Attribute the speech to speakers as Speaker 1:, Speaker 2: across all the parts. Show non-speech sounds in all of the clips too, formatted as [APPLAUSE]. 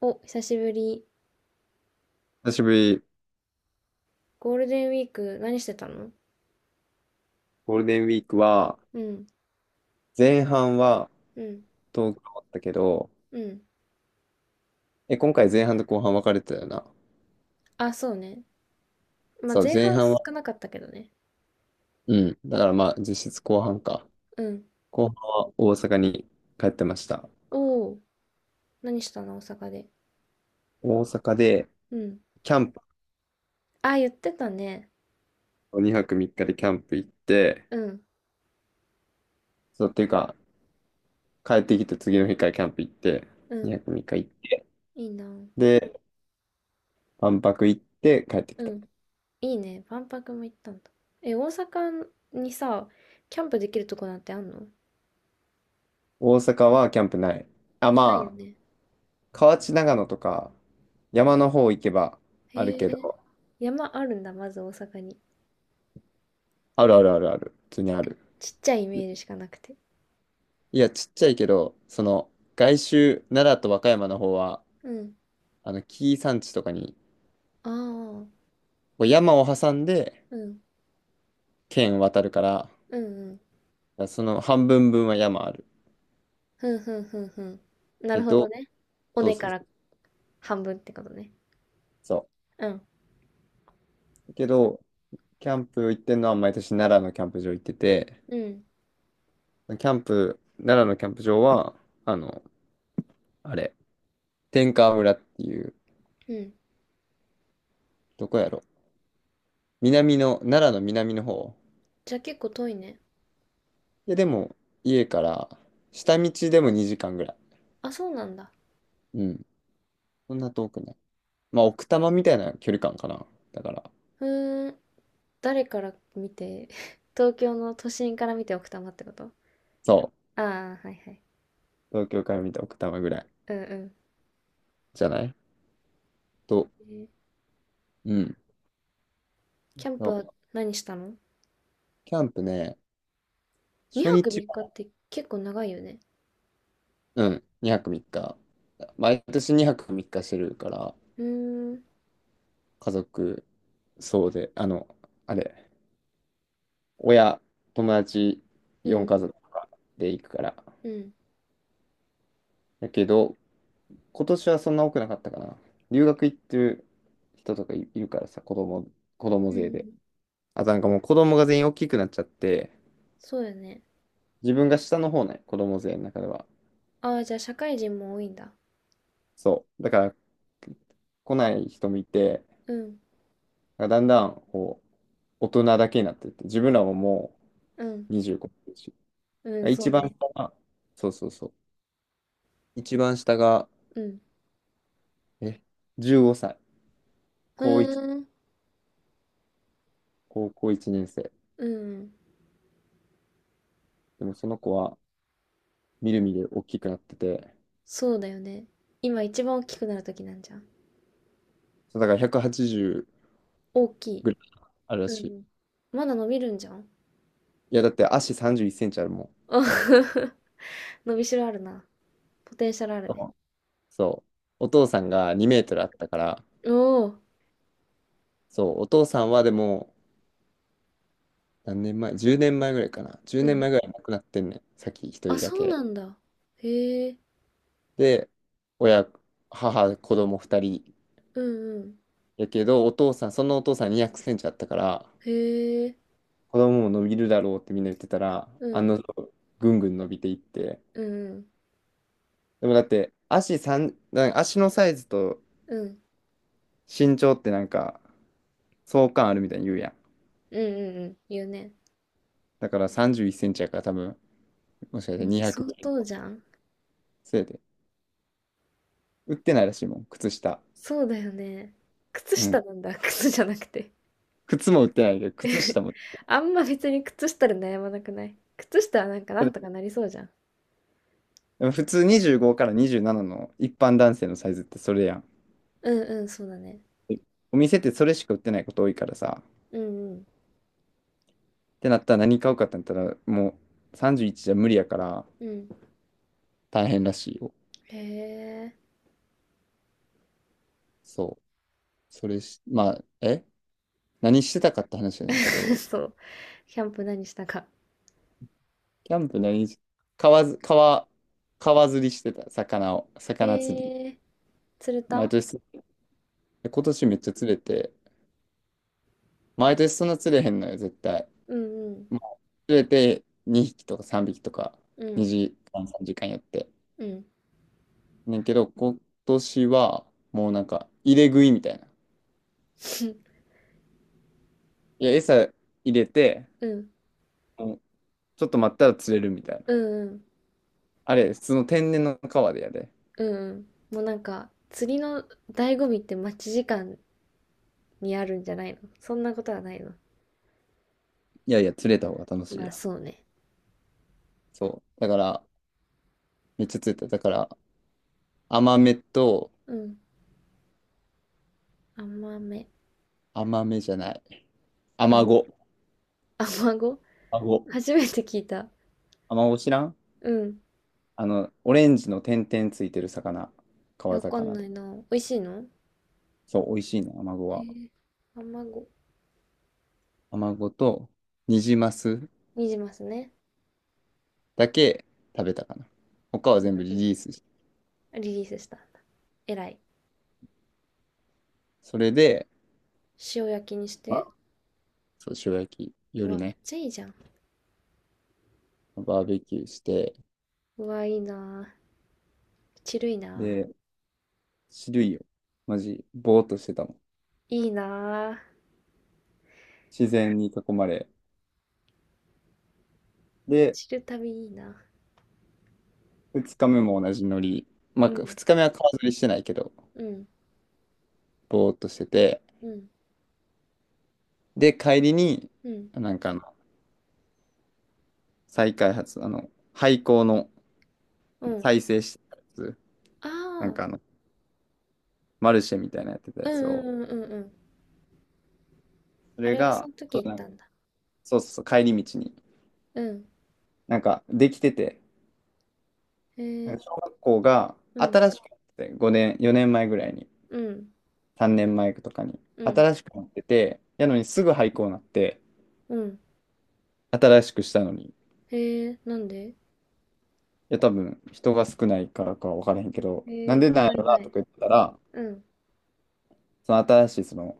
Speaker 1: お、久しぶり。
Speaker 2: 久しぶり。
Speaker 1: ゴールデンウィーク何してたの？
Speaker 2: ゴールデンウィークは、
Speaker 1: うん、
Speaker 2: 前半は
Speaker 1: うん、
Speaker 2: 東京だったけど、
Speaker 1: うん。
Speaker 2: 今回前半と後半分かれてたよな。
Speaker 1: あ、そうね。まあ、
Speaker 2: そう、
Speaker 1: 前
Speaker 2: 前
Speaker 1: 半
Speaker 2: 半は、
Speaker 1: 少なかったけどね。
Speaker 2: うん、だからまあ実質後半か。
Speaker 1: うん。
Speaker 2: 後半は大阪に帰ってました。
Speaker 1: おお、何したの大阪で。
Speaker 2: 大阪で、
Speaker 1: うん。
Speaker 2: キャンプ、
Speaker 1: あ、言ってたね。
Speaker 2: 2泊3日でキャンプ行って、
Speaker 1: うん、
Speaker 2: そう、っていうか、帰ってきて次の日からキャンプ行って、
Speaker 1: うん。
Speaker 2: 2泊3日行って、
Speaker 1: いいな。
Speaker 2: で、万博行って帰って
Speaker 1: う
Speaker 2: きた。
Speaker 1: ん。いいね。万博も行ったんだ。え、大阪にさ、キャンプできるとこなんてあんの？
Speaker 2: 大阪はキャンプない。
Speaker 1: ないよ
Speaker 2: ま
Speaker 1: ね。
Speaker 2: あ、河内長野とか、山の方行けばある
Speaker 1: へ
Speaker 2: け
Speaker 1: え。
Speaker 2: ど、
Speaker 1: 山あるんだ、まず大阪に。
Speaker 2: あるあるあるある。普通にある。
Speaker 1: ちっちゃいイメージしかなくて。
Speaker 2: いや、ちっちゃいけど、その、外周、奈良と和歌山の方は、
Speaker 1: うん。
Speaker 2: あの、紀伊山地とかに、
Speaker 1: ああ。
Speaker 2: こう山を挟んで、
Speaker 1: うん。
Speaker 2: 県渡るか
Speaker 1: うんうん。
Speaker 2: ら、その半分分は山ある。
Speaker 1: ふんふんふんふん。な
Speaker 2: え
Speaker 1: る
Speaker 2: っ
Speaker 1: ほど
Speaker 2: と、
Speaker 1: ね。尾
Speaker 2: そう
Speaker 1: 根
Speaker 2: そ
Speaker 1: か
Speaker 2: う
Speaker 1: ら半分ってことね。
Speaker 2: そ
Speaker 1: うん。
Speaker 2: う。けど、キャンプ行ってんのは毎年奈良のキャンプ場行ってて、
Speaker 1: うん。
Speaker 2: キャンプ、奈良のキャンプ場は、あの、あれ、天川村っていう、
Speaker 1: うん。
Speaker 2: どこやろ。南の、奈良の南の方。
Speaker 1: じゃあ結構遠いね。
Speaker 2: いや、でも、家から、下道でも2時間ぐらい。
Speaker 1: あ、そうなんだ。
Speaker 2: うん、そんな遠くない。まあ、奥多摩みたいな距離感かな。だから、
Speaker 1: ふーん。誰から見て、[LAUGHS] 東京の都心から見て奥多摩ってこと？
Speaker 2: そう。
Speaker 1: ああー、はいはい。
Speaker 2: 東京から見た奥多摩ぐらい
Speaker 1: うんうん。
Speaker 2: じゃないと、
Speaker 1: えー
Speaker 2: うん。
Speaker 1: キャン
Speaker 2: そ
Speaker 1: プ
Speaker 2: う、
Speaker 1: は何したの？
Speaker 2: キャンプね、
Speaker 1: 2
Speaker 2: 初
Speaker 1: 泊
Speaker 2: 日
Speaker 1: 3日
Speaker 2: は、
Speaker 1: って結構長いよね。
Speaker 2: うん、2泊3日。毎年2泊3日してるから、
Speaker 1: うーん。
Speaker 2: 家族、そうで、あの、あれ、親、友達、
Speaker 1: うん。
Speaker 2: 4家族とかで行くから。
Speaker 1: うん。
Speaker 2: だけど、今年はそんな多くなかったかな。留学行ってる人とかいいるからさ、子供、子供
Speaker 1: う
Speaker 2: 勢で。
Speaker 1: ん。
Speaker 2: あとなんかもう子供が全員大きくなっちゃって、
Speaker 1: そうよね。
Speaker 2: 自分が下の方ね、子供勢の中では。
Speaker 1: ああ、じゃあ社会人も多いんだ。
Speaker 2: そう。だから、来ない人もいて、
Speaker 1: うん。
Speaker 2: だんだんこう大人だけになってって、自分らもも
Speaker 1: うん。
Speaker 2: う25歳だし、
Speaker 1: うん、そ
Speaker 2: 一
Speaker 1: う
Speaker 2: 番
Speaker 1: ね。
Speaker 2: 下が、そうそうそう、一番下が、
Speaker 1: うん。
Speaker 2: え、15歳、
Speaker 1: ふ
Speaker 2: 高一
Speaker 1: ーん。
Speaker 2: 高校1年生。
Speaker 1: うん。
Speaker 2: でもその子はみるみる大きくなってて、
Speaker 1: そうだよね。今一番大きくなる時なんじゃん。
Speaker 2: そうだから180
Speaker 1: 大きい。
Speaker 2: ぐらいあるら
Speaker 1: う
Speaker 2: しい。
Speaker 1: ん。まだ伸びるんじゃん。
Speaker 2: いや、だって足31センチあるもん。
Speaker 1: あ [LAUGHS] 伸びしろあるな。ポテンシャルあるね。
Speaker 2: そう。お父さんが2メートルあったから、
Speaker 1: おお。
Speaker 2: そう、お父さんはでも、何年前？ 10 年前ぐらいかな。10
Speaker 1: う
Speaker 2: 年
Speaker 1: ん。
Speaker 2: 前ぐらい亡くなってんねん。先一
Speaker 1: あ、
Speaker 2: 人だ
Speaker 1: そう
Speaker 2: け。
Speaker 1: なんだ。へえ。
Speaker 2: で、親、母、子供2人。
Speaker 1: うんうん。
Speaker 2: やけど、お父さん、そのお父さん200センチあったから、
Speaker 1: へえ。
Speaker 2: 子供も伸びるだろうってみんな言ってたら、
Speaker 1: う
Speaker 2: あ
Speaker 1: ん。
Speaker 2: の定、ぐんぐん伸びていって。
Speaker 1: うんうん。
Speaker 2: でもだって、なんか足のサイズと
Speaker 1: うん。
Speaker 2: 身長ってなんか、相関あるみたいに言うやん。
Speaker 1: うんうんうん。言うね。
Speaker 2: だから31センチやから多分、もしかした
Speaker 1: う
Speaker 2: ら
Speaker 1: ん、
Speaker 2: 200
Speaker 1: 相
Speaker 2: ぐらい。
Speaker 1: 当じゃん。
Speaker 2: せやで売ってないらしいもん、靴下。
Speaker 1: そうだよね。靴
Speaker 2: う
Speaker 1: 下
Speaker 2: ん。
Speaker 1: なんだ。[LAUGHS] 靴じゃなくて。
Speaker 2: 靴も売ってないけど、靴下
Speaker 1: [LAUGHS]
Speaker 2: も。
Speaker 1: あんま別に靴下で悩まなくない？靴下はなんかなんとかなりそうじゃん。
Speaker 2: でも普通25から27の一般男性のサイズってそれやん。
Speaker 1: うんうん、そうだね。
Speaker 2: で、お店ってそれしか売ってないこと多いからさ。っ
Speaker 1: うんうん。
Speaker 2: てなったら何買うかってなったら、もう31じゅういちじゃ無理やから
Speaker 1: うん。
Speaker 2: 大変らしいよ。
Speaker 1: へえ。
Speaker 2: そう。それし、まあ、何してたかって話やねんけ
Speaker 1: [LAUGHS]
Speaker 2: ど、
Speaker 1: そう。キャンプ何したか。
Speaker 2: キャンプ何し、川ず、川、川釣りしてた、魚釣り。
Speaker 1: へえ。釣れ
Speaker 2: 毎
Speaker 1: た？
Speaker 2: 年、今年めっちゃ釣れて、毎年そんな釣れへんのよ、絶対。
Speaker 1: うんうん。
Speaker 2: まあ、連れて2匹とか3匹とか
Speaker 1: うん。
Speaker 2: 2時間3時間やって。
Speaker 1: うん。
Speaker 2: ねんけど、今年はもうなんか入れ食いみたいな。いや、餌入れて、
Speaker 1: うん。
Speaker 2: もうちょっと待ったら釣れるみたいな。
Speaker 1: うんうん。
Speaker 2: あれ、普通の天然の川でやで。
Speaker 1: うんうん。もうなんか、釣りの醍醐味って待ち時間にあるんじゃないの？そんなことはないの？
Speaker 2: いやいや、釣れた方が楽しい
Speaker 1: まあ
Speaker 2: やん。
Speaker 1: そうね。
Speaker 2: そう。だから、めっちゃ釣れた。だから、甘めと、
Speaker 1: うん。甘め。
Speaker 2: 甘めじゃない。アマ
Speaker 1: 甘、
Speaker 2: ゴ。
Speaker 1: [LAUGHS] 甘子？
Speaker 2: アマゴ。
Speaker 1: 初めて聞いた。
Speaker 2: アマゴ知らん？
Speaker 1: うん。
Speaker 2: あの、オレンジの点々ついてる魚。
Speaker 1: いや
Speaker 2: 川
Speaker 1: わかん
Speaker 2: 魚
Speaker 1: な
Speaker 2: で。
Speaker 1: いな。美味しいの？
Speaker 2: そう、美味しいね、アマゴ
Speaker 1: へ
Speaker 2: は。
Speaker 1: え。甘子。
Speaker 2: 卵とニジマス
Speaker 1: にじますね。
Speaker 2: だけ食べたかな。他は全部
Speaker 1: う
Speaker 2: リ
Speaker 1: ん。
Speaker 2: リースして。
Speaker 1: リリースした。えらい。
Speaker 2: それで、
Speaker 1: 塩焼きにし
Speaker 2: まあ、
Speaker 1: て。
Speaker 2: そう、塩焼き、
Speaker 1: う
Speaker 2: 夜
Speaker 1: わ、めっ
Speaker 2: ね、
Speaker 1: ちゃいいじゃん。
Speaker 2: バーベキューして、
Speaker 1: うわ、いいなぁ。チルいな
Speaker 2: で、知るいよ。マジ、ぼーっとしてたもん。
Speaker 1: ぁ。いいなぁ。
Speaker 2: 自然に囲まれ。で、
Speaker 1: チル旅いいな。
Speaker 2: 二日目も同じノリ。まあ、二日目は川釣りしてないけど、ぼーっとしてて。で、帰りに、なんかあの、再開発、あの、廃校の再生したやつ、なんかあの、マルシェみたいなやってた
Speaker 1: う
Speaker 2: やつを、
Speaker 1: んうんうんうんうん。ああ、うんうんうんうんうん。
Speaker 2: そ
Speaker 1: あ
Speaker 2: れ
Speaker 1: れはそ
Speaker 2: が、
Speaker 1: の時行ったんだ。
Speaker 2: そうそうそう、帰り道に。
Speaker 1: うん。
Speaker 2: なんか、できてて、
Speaker 1: へ
Speaker 2: なん
Speaker 1: え、
Speaker 2: か小学校が
Speaker 1: うん、
Speaker 2: 新しくなってて、5年、4年前ぐらいに、
Speaker 1: うん、
Speaker 2: 3年前とかに、
Speaker 1: うん、
Speaker 2: 新しくなってて、やのにすぐ廃校になって、
Speaker 1: うん。
Speaker 2: 新しくしたのに、い
Speaker 1: へえ、なんで？
Speaker 2: や、多分、人が少ないからか分からへんけど、
Speaker 1: へ
Speaker 2: な
Speaker 1: え、
Speaker 2: ん
Speaker 1: もっ
Speaker 2: でなんや
Speaker 1: たい
Speaker 2: ろな
Speaker 1: な
Speaker 2: と
Speaker 1: い。
Speaker 2: か言ってたら、
Speaker 1: うん、
Speaker 2: その新しい、その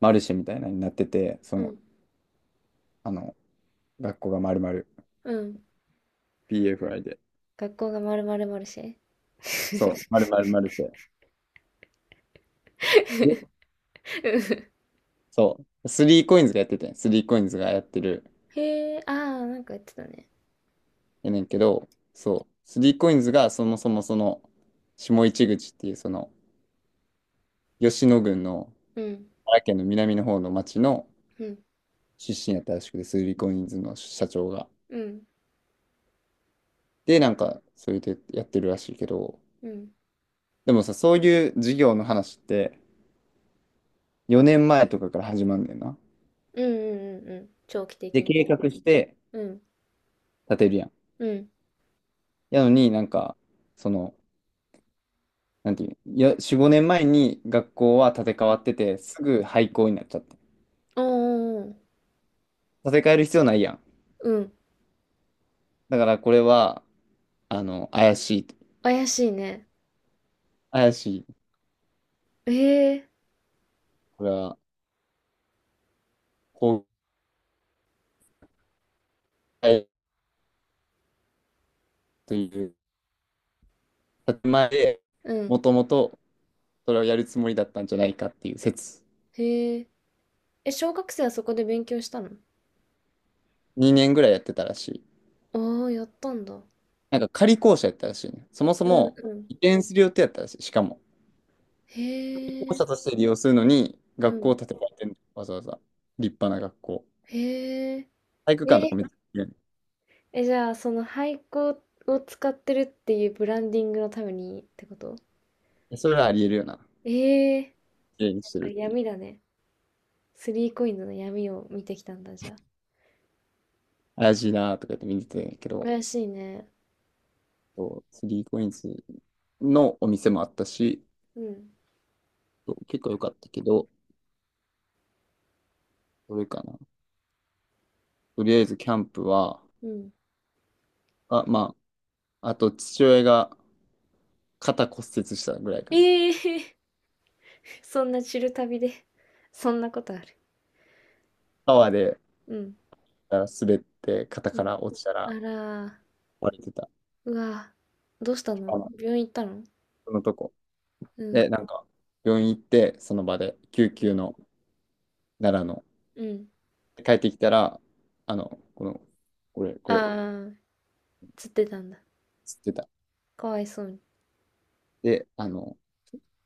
Speaker 2: マルシェみたいなのになってて、そ
Speaker 1: う
Speaker 2: の、
Speaker 1: ん、
Speaker 2: あの、学校が丸々
Speaker 1: うん。
Speaker 2: PFI で、
Speaker 1: 学校がまるまるマルシェ？
Speaker 2: そう、丸々マルシェ。で、
Speaker 1: [LAUGHS] うん。
Speaker 2: そう、スリーコインズがやってて、スリーコインズがやってる
Speaker 1: へえ、ああ、なんか言ってたね。
Speaker 2: やねんけど、そう、3コインズがそもそもその、下市口っていうその、吉野郡の、
Speaker 1: うん、
Speaker 2: 奈良県の南の方の町の
Speaker 1: うん、
Speaker 2: 出身やったらしくて、スリーコインズの社長が。
Speaker 1: うん、
Speaker 2: で、なんか、それでやってるらしいけど、
Speaker 1: うん、
Speaker 2: でもさ、そういう事業の話って、4年前とかから始まるんだよな。
Speaker 1: うん、うん、うん、うん、長期
Speaker 2: で、
Speaker 1: 的に
Speaker 2: 計
Speaker 1: ね。
Speaker 2: 画して
Speaker 1: うん、
Speaker 2: 建てるやん。
Speaker 1: うん。
Speaker 2: やのになんか、その、なんていう、いや、4、5年前に学校は建て替
Speaker 1: お
Speaker 2: わ
Speaker 1: ー、
Speaker 2: ってて、すぐ廃校になっちゃって。
Speaker 1: おー、
Speaker 2: 建て替える必要ないやん。
Speaker 1: うん。
Speaker 2: だからこれは、あの、怪しいと、
Speaker 1: 怪しいね。
Speaker 2: 怪しい、
Speaker 1: へえ、
Speaker 2: これは、崩壊という建前で、
Speaker 1: う
Speaker 2: も
Speaker 1: ん。
Speaker 2: ともとそれをやるつもりだったんじゃないかっていう説、
Speaker 1: へえ。え、小学生はそこで勉強したの？
Speaker 2: 2年ぐらいやってたらしい。
Speaker 1: ああー、やったんだ。
Speaker 2: なんか仮校舎やったらしいね。そもそ
Speaker 1: うん
Speaker 2: も
Speaker 1: うん。
Speaker 2: 移転する予定やったらしい。しかも、仮
Speaker 1: へ
Speaker 2: 校
Speaker 1: え、
Speaker 2: 舎として利用するのに、
Speaker 1: う
Speaker 2: 学校を
Speaker 1: ん。
Speaker 2: 建て替えてんのわざわざ。立派な学校。
Speaker 1: へえ。
Speaker 2: 体育館とか
Speaker 1: え、
Speaker 2: めっちゃ綺麗
Speaker 1: え、じゃあ、その廃校を使ってるっていうブランディングのためにってこと？
Speaker 2: ね、それはありえるよな。
Speaker 1: ええ、
Speaker 2: 綺麗に
Speaker 1: な
Speaker 2: し
Speaker 1: ん
Speaker 2: て
Speaker 1: か
Speaker 2: るっていう。
Speaker 1: 闇だね。スリーコインズの闇を見てきたんだ、じゃあ。
Speaker 2: 怪しいなーとか言って見てたんやけど、
Speaker 1: 怪しいね。
Speaker 2: そう、3コインズのお店もあったし、
Speaker 1: うん。
Speaker 2: そう結構良かったけど、どれかな。とりあえずキャンプは、
Speaker 1: うん。
Speaker 2: まあ、あと父親が肩骨折したぐらいかな。
Speaker 1: ええ、[LAUGHS] そんなチル旅で、そんなことある？
Speaker 2: 川で
Speaker 1: うん
Speaker 2: 滑って肩
Speaker 1: う
Speaker 2: か
Speaker 1: ん。
Speaker 2: ら落ちた
Speaker 1: あ
Speaker 2: ら
Speaker 1: らー、
Speaker 2: 割れてた。
Speaker 1: うわー、どうした
Speaker 2: あ
Speaker 1: の？
Speaker 2: の、
Speaker 1: 病院行ったの？
Speaker 2: そのとこ。
Speaker 1: う
Speaker 2: で、
Speaker 1: ん、
Speaker 2: なんか病院行ってその場で救
Speaker 1: う
Speaker 2: 急
Speaker 1: ん、
Speaker 2: の奈良の
Speaker 1: うん。
Speaker 2: 帰ってきたら、あの、この、これ、これ、
Speaker 1: ああ、つってたんだ。
Speaker 2: つってた。
Speaker 1: かわいそうに。
Speaker 2: で、あの、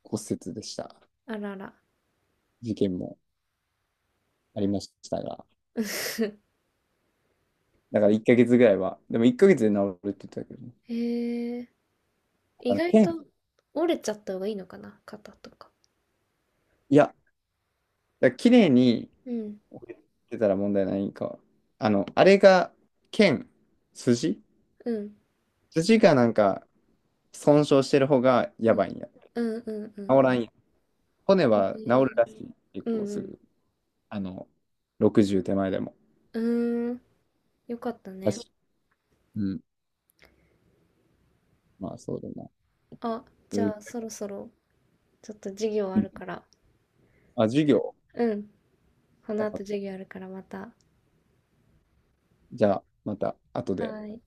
Speaker 2: 骨折でした。
Speaker 1: あらら。
Speaker 2: 事件もありましたが。
Speaker 1: [LAUGHS]
Speaker 2: だから1ヶ月ぐらいは、でも1ヶ月で治るって言ってたけどね。
Speaker 1: へえ、
Speaker 2: あ
Speaker 1: 意
Speaker 2: の、
Speaker 1: 外と折れちゃった方がいいのかな肩とか。
Speaker 2: いや、だから綺麗に
Speaker 1: うん、
Speaker 2: 置いてたら問題ないか。あの、あれが剣、筋
Speaker 1: うん、
Speaker 2: 筋がなんか損傷してる方が
Speaker 1: う
Speaker 2: や
Speaker 1: ん、
Speaker 2: ばいんや。
Speaker 1: うん、うん、う
Speaker 2: 治
Speaker 1: ん。
Speaker 2: らんや。骨
Speaker 1: へ
Speaker 2: は治る
Speaker 1: え、
Speaker 2: らしい。結
Speaker 1: う
Speaker 2: 構す
Speaker 1: ん、
Speaker 2: ぐ。あの、60手前でも。
Speaker 1: うん。うーん、よかった
Speaker 2: らし
Speaker 1: ね。
Speaker 2: い。うん。まあそうだな。
Speaker 1: あ、
Speaker 2: そ
Speaker 1: じ
Speaker 2: れぐ
Speaker 1: ゃあ
Speaker 2: ら
Speaker 1: そろ
Speaker 2: い。
Speaker 1: そろちょっと授業あ
Speaker 2: うん。
Speaker 1: るから。
Speaker 2: 授業。
Speaker 1: うん、こ
Speaker 2: わ
Speaker 1: の
Speaker 2: かっ
Speaker 1: 後授
Speaker 2: た。
Speaker 1: 業あるからまた。は
Speaker 2: じゃあ、また後で。
Speaker 1: ーい。